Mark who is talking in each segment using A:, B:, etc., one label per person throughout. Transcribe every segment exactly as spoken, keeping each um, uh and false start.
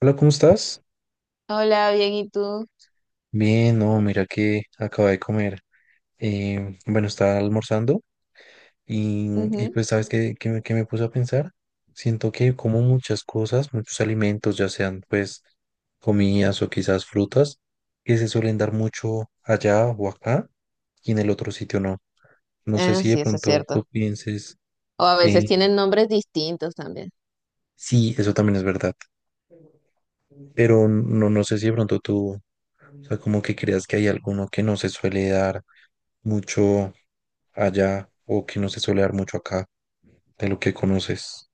A: Hola, ¿cómo estás?
B: Hola, bien, ¿y tú?
A: Bien, no, mira que acabo de comer. Eh, bueno, Estaba almorzando y, y
B: Ujú.
A: pues, ¿sabes qué, qué me, qué me puse a pensar? Siento que como muchas cosas, muchos alimentos, ya sean pues comidas o quizás frutas, que se suelen dar mucho allá o acá y en el otro sitio no. No sé
B: Ah,
A: si de
B: sí, eso es
A: pronto
B: cierto.
A: tú pienses,
B: O a veces
A: eh,
B: tienen nombres distintos también.
A: sí, eso también es verdad, pero no, no sé si de pronto tú, o sea, como que creas que hay alguno que no se suele dar mucho allá o que no se suele dar mucho acá de lo que conoces.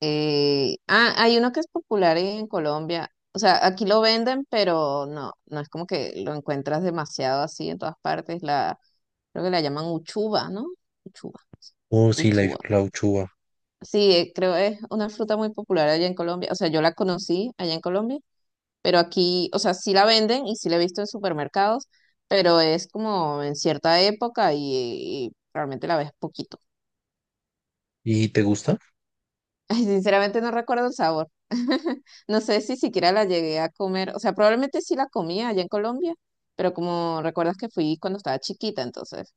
B: Eh, ah, hay uno que es popular en Colombia. O sea, aquí lo venden, pero no, no es como que lo encuentras demasiado así en todas partes. La, creo que la llaman uchuva, ¿no? Uchuva,
A: Oh, sí, la,
B: uchuva.
A: la uchuva.
B: Sí, eh, creo es una fruta muy popular allá en Colombia. O sea, yo la conocí allá en Colombia, pero aquí, o sea, sí la venden y sí la he visto en supermercados, pero es como en cierta época y, y realmente la ves poquito.
A: ¿Y te gusta?
B: Ay, sinceramente no recuerdo el sabor. No sé si siquiera la llegué a comer, o sea, probablemente sí la comía allá en Colombia, pero como recuerdas que fui cuando estaba chiquita, entonces,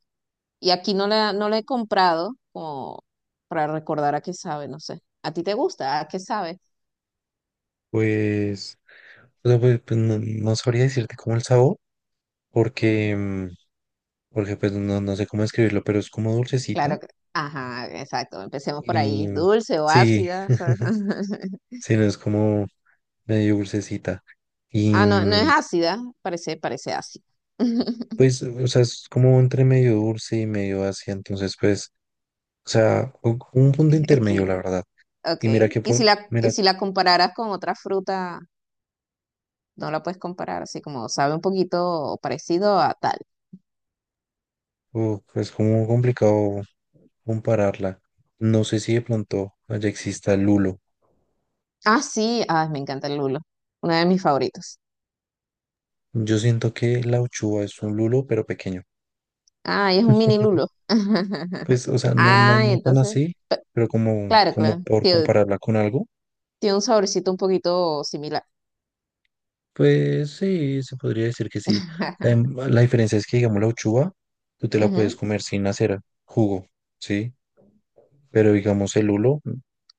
B: y aquí no la, no la he comprado como para recordar a qué sabe, no sé. ¿A ti te gusta? ¿A qué sabe?
A: Pues, o sea, pues, pues, no, no sabría decirte cómo el sabor, porque, mm, porque pues no, no sé cómo describirlo, pero es como dulcecita.
B: Claro que, ajá, exacto, empecemos por ahí.
A: y
B: ¿Es
A: mm,
B: dulce o
A: sí,
B: ácida? ¿Sabes?
A: sí, no es como medio dulcecita. Y
B: Ah, no, no es
A: mm,
B: ácida, parece, parece ácida.
A: pues, o sea, es como entre medio dulce y medio ácida, entonces pues, o sea, un un punto
B: Es
A: intermedio, la
B: equilibrada.
A: verdad.
B: Ok.
A: Y mira que
B: Y si
A: por,
B: la, y
A: mira,
B: si la compararas con otra fruta, no la puedes comparar, así como sabe un poquito parecido a tal.
A: uf, es como complicado compararla. No sé si de pronto allá exista lulo.
B: Ah, sí, ay, me encanta el lulo. Uno de mis favoritos.
A: Yo siento que la uchuva es un lulo, pero pequeño.
B: Ay, es un mini lulo.
A: Pues, o sea, no, no,
B: Ay,
A: no tan
B: entonces,
A: así,
B: pe-
A: pero como,
B: claro,
A: como
B: claro.
A: por
B: Tiene,
A: compararla con algo,
B: tiene un saborcito un poquito similar.
A: pues sí, se podría decir que sí. La, em- la diferencia es que, digamos, la uchuva, tú te la puedes
B: Ujú.
A: comer sin hacer jugo, ¿sí? Pero, digamos, el lulo,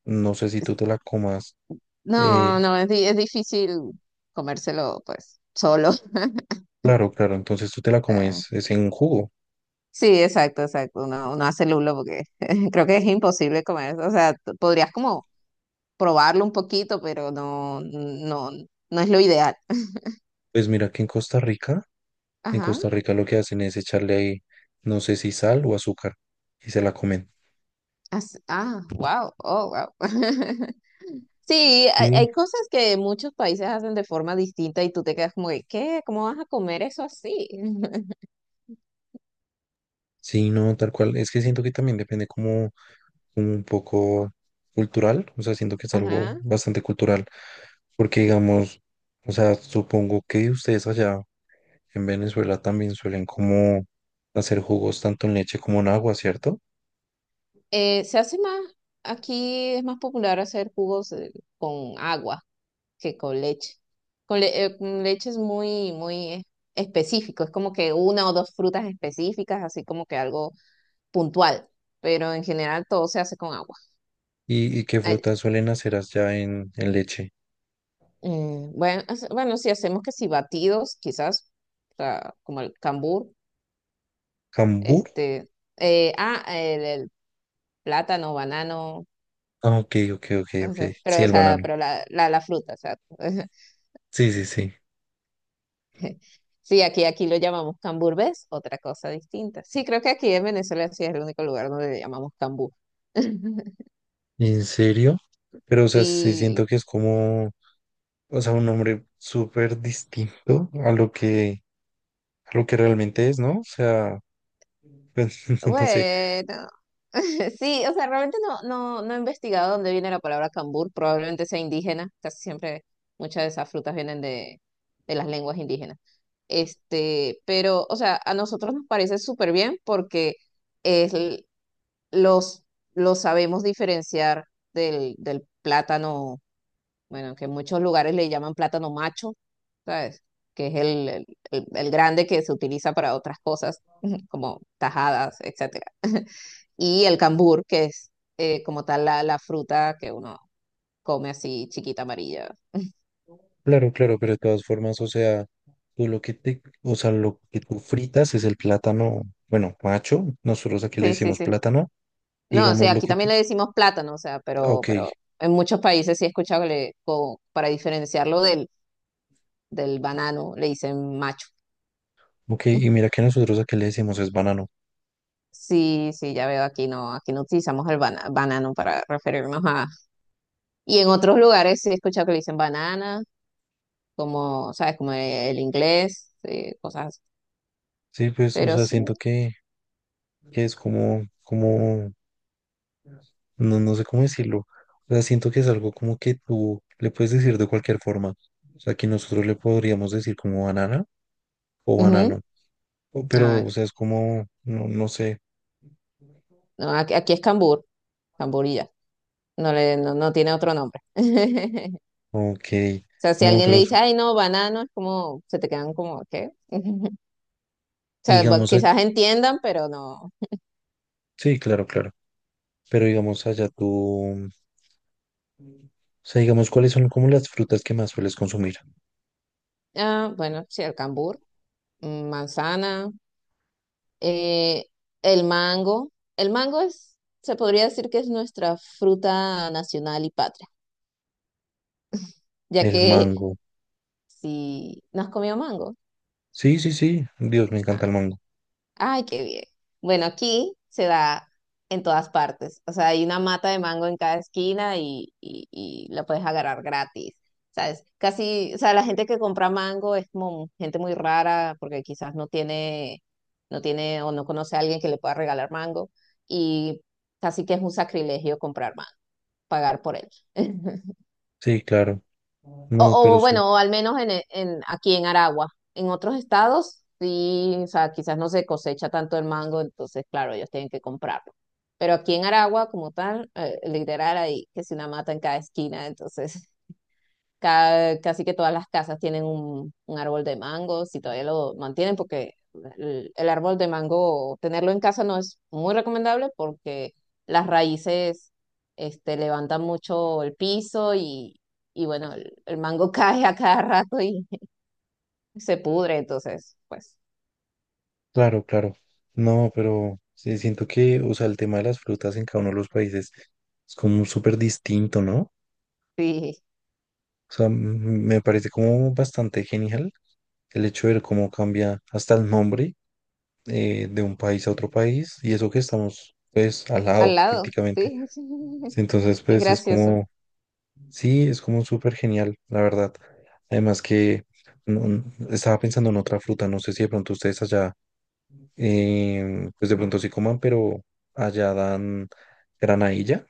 A: no sé si tú te la comas.
B: No,
A: eh,
B: no, es, di- es difícil comérselo, pues, solo.
A: claro, claro, entonces tú te la comes es en un jugo.
B: Sí, exacto, exacto. Uno, uno hace lulo porque creo que es imposible comer. O sea, t- podrías como probarlo un poquito, pero no, no, no es lo ideal.
A: Pues mira que en Costa Rica. En
B: Ajá.
A: Costa Rica lo que hacen es echarle ahí, no sé si sal o azúcar, y se la comen.
B: As- Ah, wow, oh, wow. Sí, hay,
A: Sí.
B: hay cosas que muchos países hacen de forma distinta y tú te quedas como que, ¿qué? ¿Cómo vas a comer eso así?
A: Sí, no, tal cual. Es que siento que también depende como, como un poco cultural, o sea, siento que es algo
B: Ajá.
A: bastante cultural, porque digamos, o sea, supongo que ustedes allá en Venezuela también suelen como hacer jugos tanto en leche como en agua, ¿cierto?
B: Eh, se hace más, Aquí es más popular hacer jugos eh, con agua. Que con leche. Con, le- eh, con leche es muy, muy eh, específico, es como que una o dos frutas específicas, así como que algo puntual, pero en general todo se hace con agua.
A: Y, ¿y qué
B: Ay,
A: frutas suelen hacer allá en, en leche?
B: mm, bueno, hace- bueno, si hacemos que si batidos, quizás, o sea, como el cambur,
A: ¿Cambur?
B: este, eh, ah, el, el plátano, banano,
A: Ah, ok, ok, ok,
B: no
A: ok.
B: sé,
A: Sí,
B: pero, o
A: el
B: sea,
A: banano.
B: pero la, la, la fruta, o sea,
A: Sí, sí, sí.
B: Sí, aquí, aquí lo llamamos camburbés, otra cosa distinta. Sí, creo que aquí en Venezuela sí es el único lugar donde le llamamos cambur.
A: ¿En serio? Pero, o sea, sí
B: Sí,
A: siento que es como, o sea, un hombre súper distinto a lo que, a lo que realmente es, ¿no? O sea, pues, no sé.
B: bueno. Sí, o sea, realmente no, no, no he investigado dónde viene la palabra cambur, probablemente sea indígena, casi siempre muchas de esas frutas vienen de, de las lenguas indígenas. Este, pero, o sea, a nosotros nos parece súper bien porque es, l- los, los sabemos diferenciar del, del plátano, bueno, que en muchos lugares le llaman plátano macho, ¿sabes? Que es el, el- el- el grande que se utiliza para otras cosas, como tajadas, etcétera. Y el cambur, que es eh, como tal la, la fruta que uno come así chiquita amarilla.
A: Claro, claro, pero de todas formas, o sea, tú lo que te, o sea, lo que tú fritas es el plátano, bueno, macho, nosotros aquí le
B: Sí, sí,
A: decimos
B: sí.
A: plátano,
B: No, o
A: digamos
B: sea,
A: lo
B: aquí
A: que
B: también
A: te,
B: le decimos plátano, o sea,
A: ah,
B: pero,
A: ok,
B: pero en muchos países sí he escuchado que le, co- para diferenciarlo del, del banano le dicen macho.
A: ok, y mira que nosotros aquí le decimos es banano.
B: Sí, sí, ya veo, aquí no, aquí no utilizamos el bana- banano para referirnos a, y en otros lugares sí he escuchado que le dicen banana, como, ¿sabes? Como el inglés, eh, cosas así.
A: Sí, pues, o
B: Pero
A: sea,
B: sí.
A: siento que, que es como, como, no, no sé cómo decirlo. O sea, siento que es algo como que tú le puedes decir de cualquier forma. O sea, que nosotros le podríamos decir como banana o
B: Ujú.
A: banano. O-
B: Ah,
A: Pero, o
B: ya.
A: sea, es como, no, no sé.
B: No, aquí, aquí es cambur, camburilla. No le, no, No tiene otro nombre.
A: Ok.
B: O sea, si
A: No,
B: alguien
A: pero
B: le
A: s-
B: dice, ay, no, banano, es como, se te quedan como, ¿qué? O sea, bu-
A: Digamos, a-
B: quizás entiendan, pero no.
A: sí, claro, claro. Pero digamos allá tú, o sea, digamos, ¿cuáles son como las frutas que más sueles consumir?
B: Ah, bueno, sí, el cambur, mm, manzana, eh, el mango. El mango es, se podría decir que es nuestra fruta nacional y patria ya
A: El
B: que
A: mango.
B: sí, ¿no has comido mango?
A: Sí, sí, sí. Dios, me encanta
B: Ah,
A: el mango.
B: ay, qué bien. Bueno, aquí se da en todas partes. O sea, hay una mata de mango en cada esquina y, y, y la puedes agarrar gratis. ¿Sabes? Casi, o sea, la gente que compra mango es como gente muy rara porque quizás no tiene, no tiene o no conoce a alguien que le pueda regalar mango y casi que es un sacrilegio comprar mango, pagar por él.
A: Sí, claro. No,
B: O,
A: pero
B: o
A: su-
B: bueno, o al menos en, e- en- aquí en Aragua. En otros estados, sí, o sea, quizás no se cosecha tanto el mango, entonces, claro, ellos tienen que comprarlo. Pero aquí en Aragua, como tal, eh, literal, hay que si una mata en cada esquina, entonces Ca- casi que todas las casas tienen un, un árbol de mango, si todavía lo mantienen, porque el, el árbol de mango, tenerlo en casa no es muy recomendable porque las raíces este, levantan mucho el piso y, y bueno, el, el mango cae a cada rato y se pudre, entonces, pues
A: Claro, claro. No, pero sí, siento que, o sea, el tema de las frutas en cada uno de los países es como súper distinto, ¿no?
B: sí,
A: O sea, m- me parece como bastante genial el hecho de ver cómo cambia hasta el nombre eh, de un país a otro país y eso que estamos, pues, al
B: al
A: lado
B: lado,
A: prácticamente.
B: sí,
A: Sí, entonces,
B: es
A: pues, es
B: gracioso.
A: como, sí, es como súper genial, la verdad. Además que no- estaba pensando en otra fruta, no sé si de pronto ustedes allá eh, pues de pronto sí coman, pero allá dan granadilla.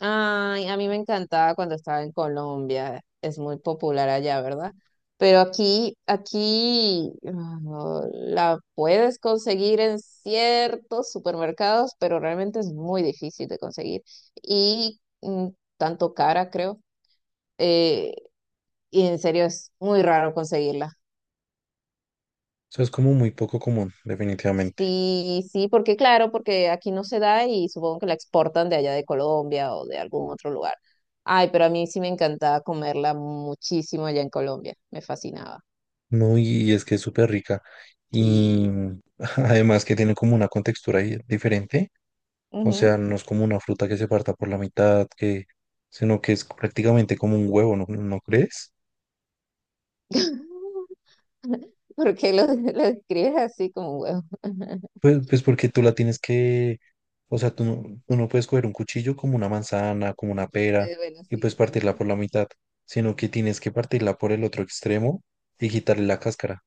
B: Ay, a mí me encantaba cuando estaba en Colombia, es muy popular allá, ¿verdad? Pero aquí, aquí ah, la puedes conseguir en ciertos supermercados, pero realmente es muy difícil de conseguir y mm, tanto cara, creo. eh, y en serio es muy raro conseguirla.
A: Eso es como muy poco común, definitivamente.
B: Sí, sí, porque claro, porque aquí no se da y supongo que la exportan de allá de Colombia o de algún otro lugar. Ay, pero a mí sí me encantaba comerla muchísimo allá en Colombia, me fascinaba.
A: No, y es que es súper rica.
B: Sí.
A: Y además que tiene como una contextura ahí diferente. O
B: Ujú.
A: sea, no es como una fruta que se parta por la mitad, que, sino que es prácticamente como un huevo, ¿no, no crees?
B: ¿Por qué lo, lo describes así como un huevo?
A: Pues, pues porque tú la tienes que, o sea, tú no, tú no puedes coger un cuchillo como una manzana, como una pera,
B: Eh, bueno,
A: y
B: sí,
A: pues partirla
B: exacto.
A: por la mitad, sino que tienes que partirla por el otro extremo y quitarle la cáscara.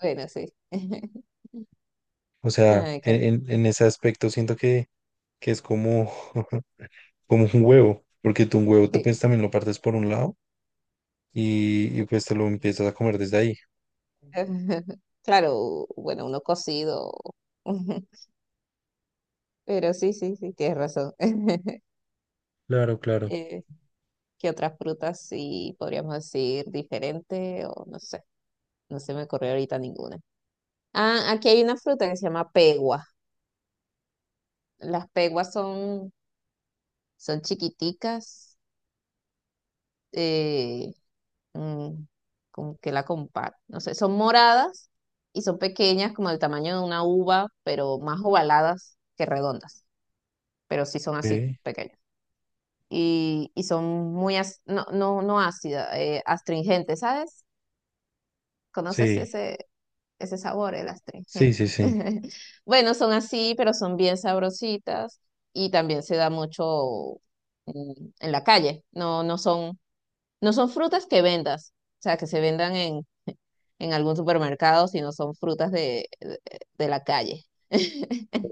B: Bueno, sí.
A: O sea,
B: Ay,
A: en,
B: qué-
A: en- en ese aspecto siento que, que es como, como un huevo, porque tú un
B: bueno,
A: huevo ta-
B: sí.
A: pues también lo partes por un lado y, y pues te lo empiezas a comer desde ahí.
B: Claro, bueno, uno cocido, pero sí, sí, sí, tienes razón.
A: Claro, claro.
B: Eh, ¿qué otras frutas sí podríamos decir diferente? O no sé, no se me ocurrió ahorita ninguna. Ah, aquí hay una fruta que se llama pegua. Las peguas son, son chiquiticas, eh, mm, como que la comparo, no sé, son moradas y son pequeñas como el tamaño de una uva, pero más ovaladas que redondas, pero sí son así
A: Ok.
B: pequeñas. Y, y son muy, ac- no, no, no ácidas, eh, astringentes, ¿sabes? ¿Conoces
A: Sí,
B: ese, ese sabor, el
A: sí,
B: astringente?
A: sí, sí.
B: Bueno, son así, pero son bien sabrositas y también se da mucho mm, en la calle. No, no son no son frutas que vendas, o sea, que se vendan en, en algún supermercado, sino son frutas de, de, de la calle.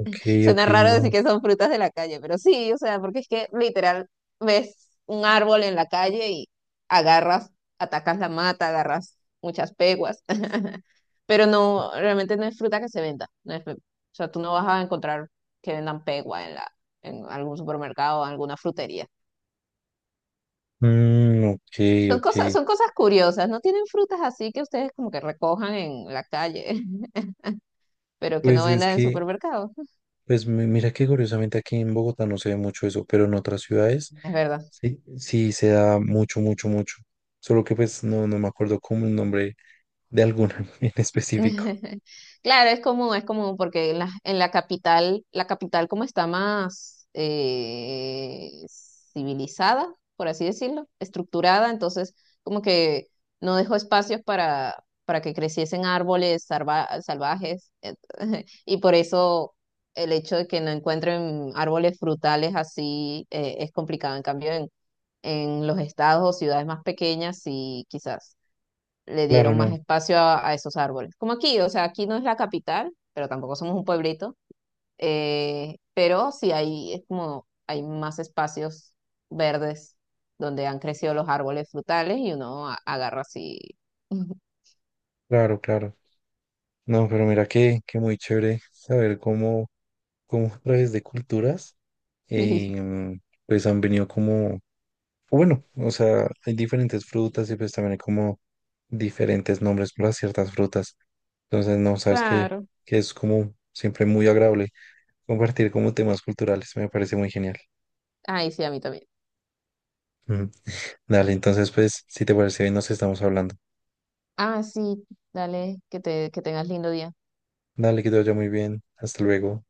A: Ok, ok,
B: Suena raro decir
A: no.
B: que son frutas de la calle, pero sí, o sea, porque es que literal ves un árbol en la calle y agarras, atacas la mata, agarras muchas peguas, pero no, realmente no es fruta que se venda. No es- O sea, tú no vas a encontrar que vendan pegua en la, en algún supermercado o alguna frutería.
A: Mm, ok,
B: Son
A: ok.
B: cosas, son cosas curiosas, no tienen frutas así que ustedes como que recojan en la calle, pero que no
A: Pues es
B: vendan en
A: que
B: supermercados.
A: pues mi- mira que curiosamente aquí en Bogotá no se ve mucho eso, pero en otras ciudades
B: Es verdad.
A: sí, sí se da mucho, mucho, mucho. Solo que pues no, no me acuerdo como el nombre de alguna en específico.
B: Claro, es común, es común, porque en la, en la capital, la capital como está más eh, civilizada, por así decirlo, estructurada, entonces como que no dejó espacios para, para que creciesen árboles salva- salvajes, et- y por eso el hecho de que no encuentren árboles frutales así eh, es complicado. En cambio, en, en los estados o ciudades más pequeñas, sí, quizás le
A: Claro,
B: dieron más
A: no,
B: espacio a, a esos árboles. Como aquí, o sea, aquí no es la capital, pero tampoco somos un pueblito, eh, pero sí hay, es como, hay más espacios verdes donde han crecido los árboles frutales y uno a- agarra así.
A: claro, claro. No, pero mira que, que muy chévere saber cómo, cómo a través de culturas
B: Sí,
A: em, pues han venido como, o bueno, o sea, hay diferentes frutas y pues también hay como diferentes nombres para ciertas frutas. Entonces, no, sabes que,
B: claro.
A: que es como siempre muy agradable compartir como temas culturales, me parece muy genial.
B: Ay, sí, a mí también.
A: Ujú. Dale, entonces pues, si te parece bien, nos estamos hablando.
B: Ah, sí, dale, que te, que tengas lindo día.
A: Dale, que te vaya muy bien. Hasta luego.